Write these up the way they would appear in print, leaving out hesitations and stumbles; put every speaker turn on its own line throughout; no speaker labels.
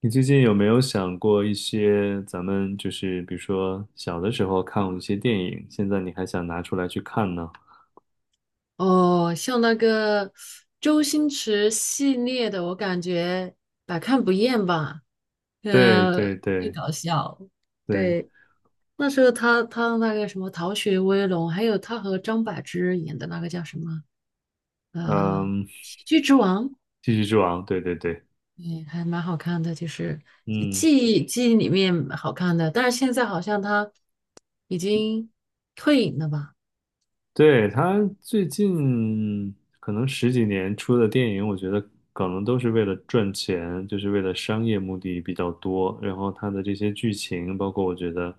你最近有没有想过一些咱们就是比如说小的时候看过一些电影，现在你还想拿出来去看呢？
哦，像那个周星驰系列的，我感觉百看不厌吧。
对
呃，
对
又
对
搞笑。
对，
对，那时候他那个什么《逃学威龙》，还有他和张柏芝演的那个叫什么呃
嗯，
《喜剧之王》，
继续之王，对对对，
嗯，还蛮好看的，就是
嗯。
记忆里面好看的。但是现在好像他已经退隐了吧？
对，他最近可能十几年出的电影，我觉得可能都是为了赚钱，就是为了商业目的比较多。然后他的这些剧情，包括我觉得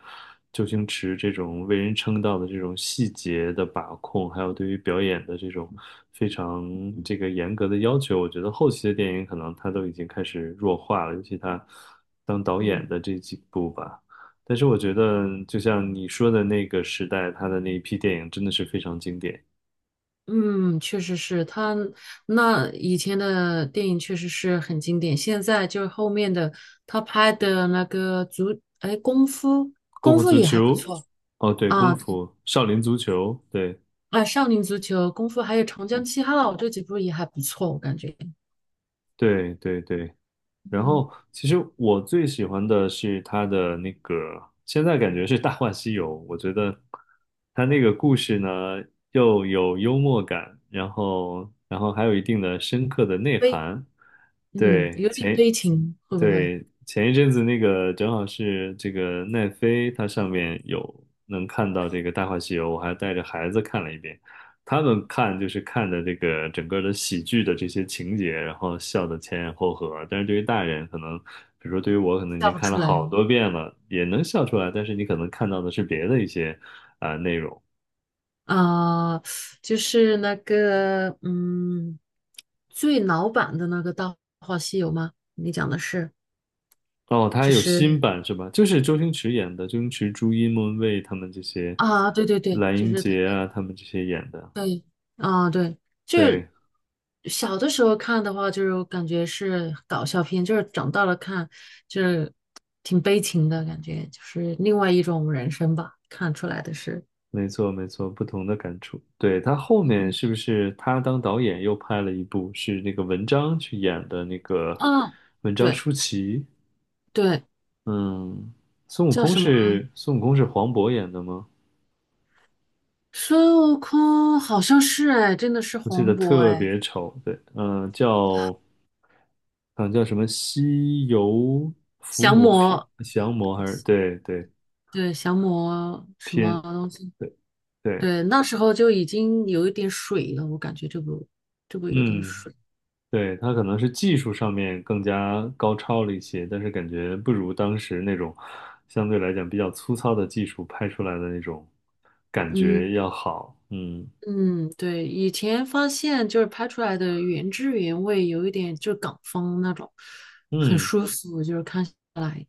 周星驰这种为人称道的这种细节的把控，还有对于表演的这种非常这个严格的要求，我觉得后期的电影可能他都已经开始弱化了，尤其他当导演
嗯。
的这几部吧。但是我觉得，就像你说的那个时代，他的那一批电影真的是非常经典，
嗯，确实是他那以前的电影确实是很经典，现在就是后面的他拍的那个足，哎，功夫，
《功
功
夫
夫
足
也
球》，
还不错
哦，对，《功
啊，对
夫》《少林足球》，对，
啊，少林足球、功夫还有长江七号这几部也还不错，我感觉，
对，对，对，然
嗯，
后，其实我最喜欢的是他的那个，现在感觉是《大话西游》，我觉得他那个故事呢，又有幽默感，然后还有一定的深刻的内
悲，
涵。
嗯，
对，
有点悲情，会不会
对，前一阵子那个正好是这个奈飞，它上面有能看到这个《大话西游》，我还带着孩子看了一遍。他们看就是看的这个整个的喜剧的这些情节，然后笑的前仰后合。但是对于大人，可能比如说对于我，可能已
笑
经
不
看
出
了
来
好多遍了，也能笑出来，但是你可能看到的是别的一些啊、内容。
啊？就是那个，嗯，最老版的那个《大话西游》吗？你讲的是，
哦，他还
就
有新
是。
版是吧？就是周星驰演的，周星驰、朱茵、莫文蔚他们这些，
啊，对对对，
蓝
就
英
是他，
杰啊，他们这些演的。
对，啊，对，就是
对，
小的时候看的话，就是感觉是搞笑片，就是长大了看，就是挺悲情的感觉，就是另外一种人生吧，看出来的是，
没错，没错，不同的感触。对，他后面
嗯，
是不是他当导演又拍了一部，是那个文章去演的那个
啊，
文章
对
舒淇？
对，
嗯，孙悟
叫
空
什么？
是孙悟空是黄渤演的吗？
孙悟空好像是哎，真的是
我记
黄
得
渤
特
哎，
别丑。对，叫什么西游伏
降
魔篇
魔，
降魔还是对对
对，降魔什么
篇
东西？
对对，
对，那时候就已经有一点水了，我感觉这部有点
嗯
水。
对，他可能是技术上面更加高超了一些，但是感觉不如当时那种相对来讲比较粗糙的技术拍出来的那种感
嗯
觉要好。嗯
嗯，对，以前发现就是拍出来的原汁原味，有一点就是港风那种，很
嗯，
舒服，就是看下来，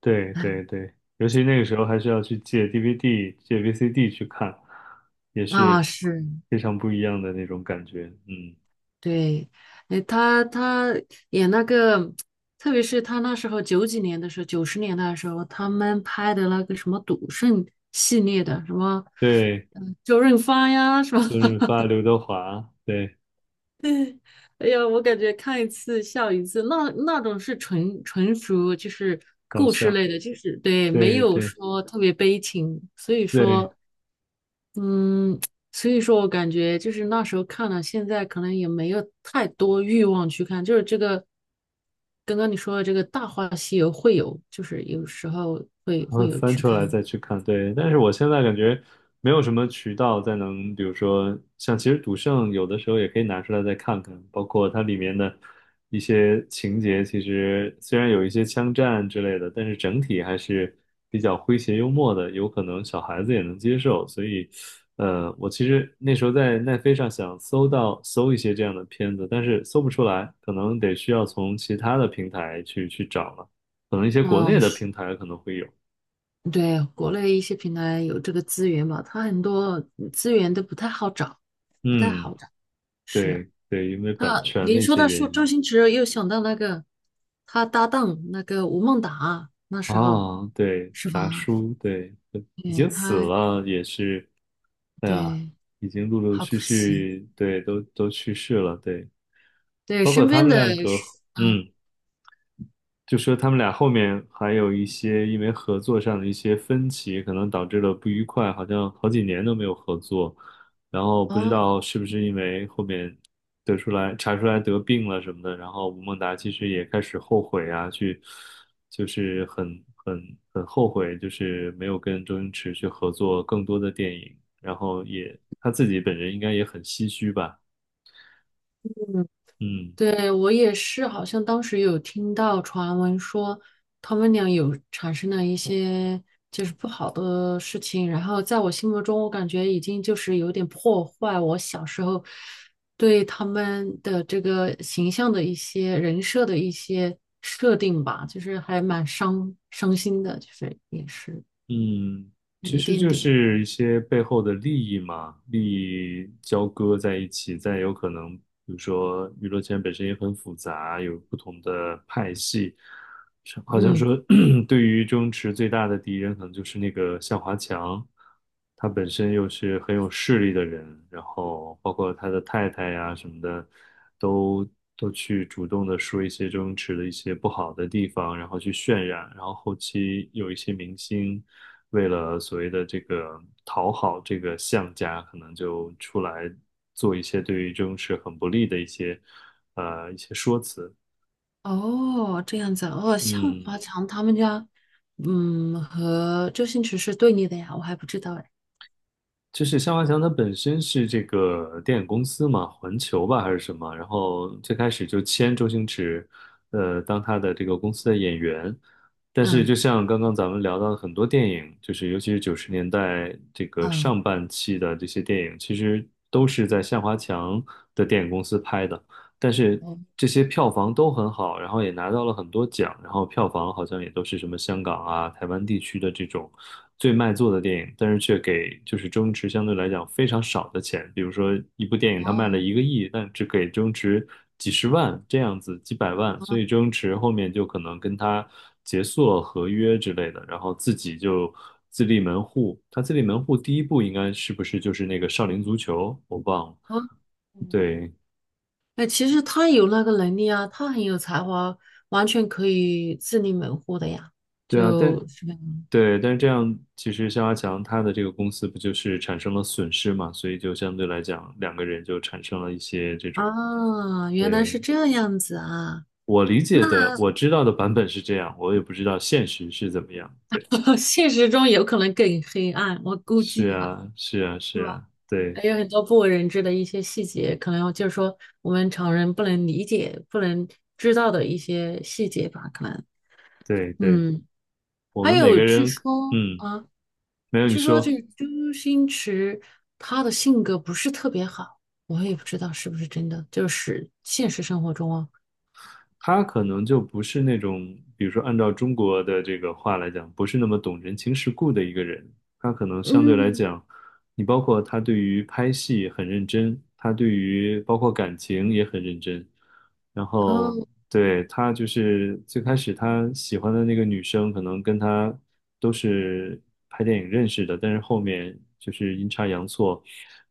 对
哎，
对对，尤其那个时候还需要去借 DVD、借 VCD 去看，也
啊
是
是，
非常不一样的那种感觉。嗯，
对，哎，他演那个，特别是他那时候九几年的时候，九十年代的时候，他们拍的那个什么赌圣系列的，什么，
对，
嗯，周润发呀，什么
周润 发、刘德华，对，
哎呀，我感觉看一次笑一次，那那种是纯属就是
搞
故事
笑，
类的，就是对，没
对
有
对
说特别悲情，所以
对
说，嗯，所以说我感觉就是那时候看了，现在可能也没有太多欲望去看，就是这个刚刚你说的这个《大话西游》会有，就是有时候会
会
会有
翻
去
出
看
来再去看，对。但是我现在感觉没有什么渠道再能，比如说像其实《赌圣》有的时候也可以拿出来再看看，包括它里面的一些情节，其实虽然有一些枪战之类的，但是整体还是比较诙谐幽默的，有可能小孩子也能接受。所以，我其实那时候在奈飞上想搜到搜一些这样的片子，但是搜不出来，可能得需要从其他的平台去找了，可能一些国
啊，
内的平台可能会有。
对，国内一些平台有这个资源嘛，它很多资源都不太好找，不太
嗯，
好找。是，
对对，因为版
那
权
您
的一
说
些
到
原
说周
因
星驰，又想到那个他搭档那个吴孟达，那时候
啊，对，
是吧？
达叔，对，已
对，
经死
他
了，也是，哎呀，
对，
已经陆陆
好可
续
惜。
续，对，都去世了，对，
对，
包括
身
他
边
们
的
两个，
是嗯，
嗯，就说他们俩后面还有一些因为合作上的一些分歧，可能导致了不愉快，好像好几年都没有合作。然后不知
哦，
道是不是因为后面得出来查出来得病了什么的，然后吴孟达其实也开始后悔啊，就是很后悔，就是没有跟周星驰去合作更多的电影，然后也他自己本人应该也很唏嘘吧，
嗯
嗯。
对，我也是，好像当时有听到传闻说他们俩有产生了一些就是不好的事情，然后在我心目中，我感觉已经就是有点破坏我小时候对他们的这个形象的一些人设的一些设定吧，就是还蛮伤心的，就是也是
嗯，
有
其
一
实
点
就
点，
是一些背后的利益嘛，利益交割在一起，再有可能，比如说娱乐圈本身也很复杂，有不同的派系，是好像
嗯。
说 对于周星驰最大的敌人可能就是那个向华强，他本身又是很有势力的人，然后包括他的太太呀什么的，都都去主动的说一些周星驰的一些不好的地方，然后去渲染，然后后期有一些明星。为了所谓的这个讨好这个项家，可能就出来做一些对于周星驰很不利的一些一些说辞。
哦，这样子哦，向
嗯，
华强他们家，嗯，和周星驰是对立的呀，我还不知道哎。
就是向华强他本身是这个电影公司嘛，环球吧还是什么，然后最开始就签周星驰，当他的这个公司的演员。但是，
嗯
就像刚刚咱们聊到的很多电影，就是尤其是九十年代这个
嗯，
上半期的这些电影，其实都是在向华强的电影公司拍的。但是
哦
这些票房都很好，然后也拿到了很多奖，然后票房好像也都是什么香港啊、台湾地区的这种最卖座的电影，但是却给就是周星驰相对来讲非常少的钱，比如说一部电影他卖
哦
了一个亿，但只给周星驰几十万这样子，几百万，所以周星驰后面就可能跟他结束了合约之类的，然后自己就。自立门户，他自立门户第一部应该是不是就是那个少林足球？我忘了。
哦，嗯，
对，
哎，其实他有那个能力啊，他很有才华，完全可以自立门户的呀。
对啊，但
就是吧
对，但是这样其实肖华强他的这个公司不就是产生了损失嘛，所以就相对来讲，两个人就产生了一些这种。
啊，原来
对，
是这样子啊，
我理解的，
那
我知道的版本是这样，我也不知道现实是怎么样。对，
现实中有可能更黑暗，我估
是
计哈。
啊，是啊，
是
是
吧？
啊，对，
还有很多不为人知的一些细节，可能就是说我们常人不能理解、不能知道的一些细节吧，可能。
对，对，
嗯，
我
还
们每
有
个
据
人，
说
嗯，
啊，
没有你
据说这
说，
个周星驰他的性格不是特别好，我也不知道是不是真的，就是现实生活中啊，
他可能就不是那种，比如说按照中国的这个话来讲，不是那么懂人情世故的一个人，他可能相对来
嗯
讲。你包括他对于拍戏很认真，他对于包括感情也很认真。然后
嗯，
对他就是最开始他喜欢的那个女生，可能跟他都是拍电影认识的，但是后面就是阴差阳错，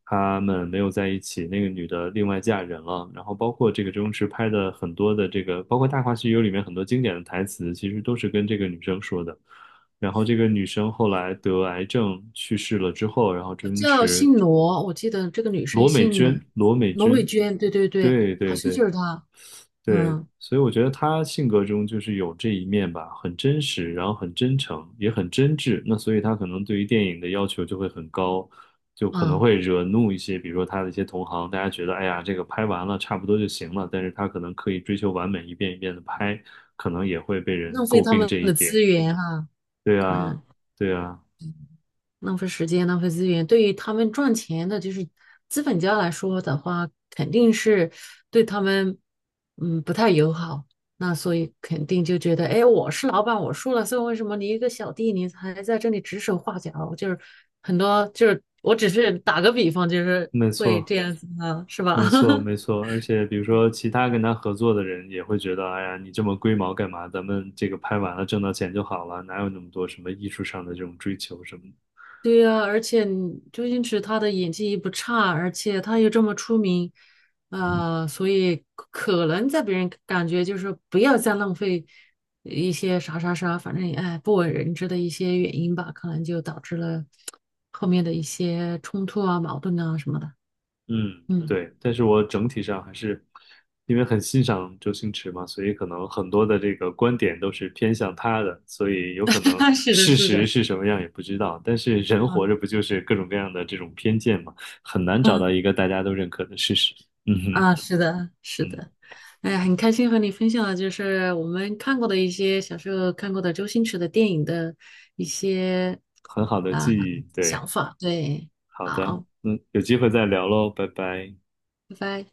他们没有在一起，那个女的另外嫁人了。然后包括这个周星驰拍的很多的这个，包括《大话西游》里面很多经典的台词，其实都是跟这个女生说的。然后这个女生后来得癌症去世了之后，然后周星
叫
驰，
姓罗，我记得这个女生
罗美
姓罗，
娟，罗美
罗美
娟，
娟，对对对，
对
好
对
像
对
就是她，
对，
嗯
所以我觉得她性格中就是有这一面吧，很真实，然后很真诚，也很真挚。那所以她可能对于电影的要求就会很高，就可能
嗯，
会惹怒一些，比如说她的一些同行，大家觉得哎呀，这个拍完了差不多就行了，但是她可能刻意追求完美，一遍的拍，可能也会被人
浪费
诟
他
病
们
这一
的
点。
资源哈、
对
可能。
啊，对啊，
浪费时间、浪费资源，对于他们赚钱的，就是资本家来说的话，肯定是对他们，嗯，不太友好。那所以肯定就觉得，哎，我是老板，我输了，所以为什么你一个小弟，你还在这里指手画脚？就是很多，就是我只是打个比方，就是
没
会
错。
这样子啊，是
没
吧？
错，没错，而且比如说其他跟他合作的人也会觉得，哎呀，你这么龟毛干嘛？咱们这个拍完了挣到钱就好了，哪有那么多什么艺术上的这种追求什么的
对呀、而且你周星驰他的演技也不差，而且他又这么出名，啊，所以可能在别人感觉就是不要再浪费一些啥啥啥，反正哎不为人知的一些原因吧，可能就导致了后面的一些冲突啊、矛盾啊什么的。
嗯，
嗯，
对。但是我整体上还是因为很欣赏周星驰嘛，所以可能很多的这个观点都是偏向他的，所以有可能
是的，
事
是
实
的
是什 么样也不知道。但是人活着不
啊
就是各种各样的这种偏见嘛，很难找到
嗯
一个大家都认可的事实。嗯哼，
啊，是的，是
嗯，
的。哎呀，很开心和你分享了，就是我们看过的一些小时候看过的周星驰的电影的。一些。
很好的
啊、
记忆，
想
对。
法。对，
好的，
好，
嗯，有机会再聊喽，拜拜。
拜拜。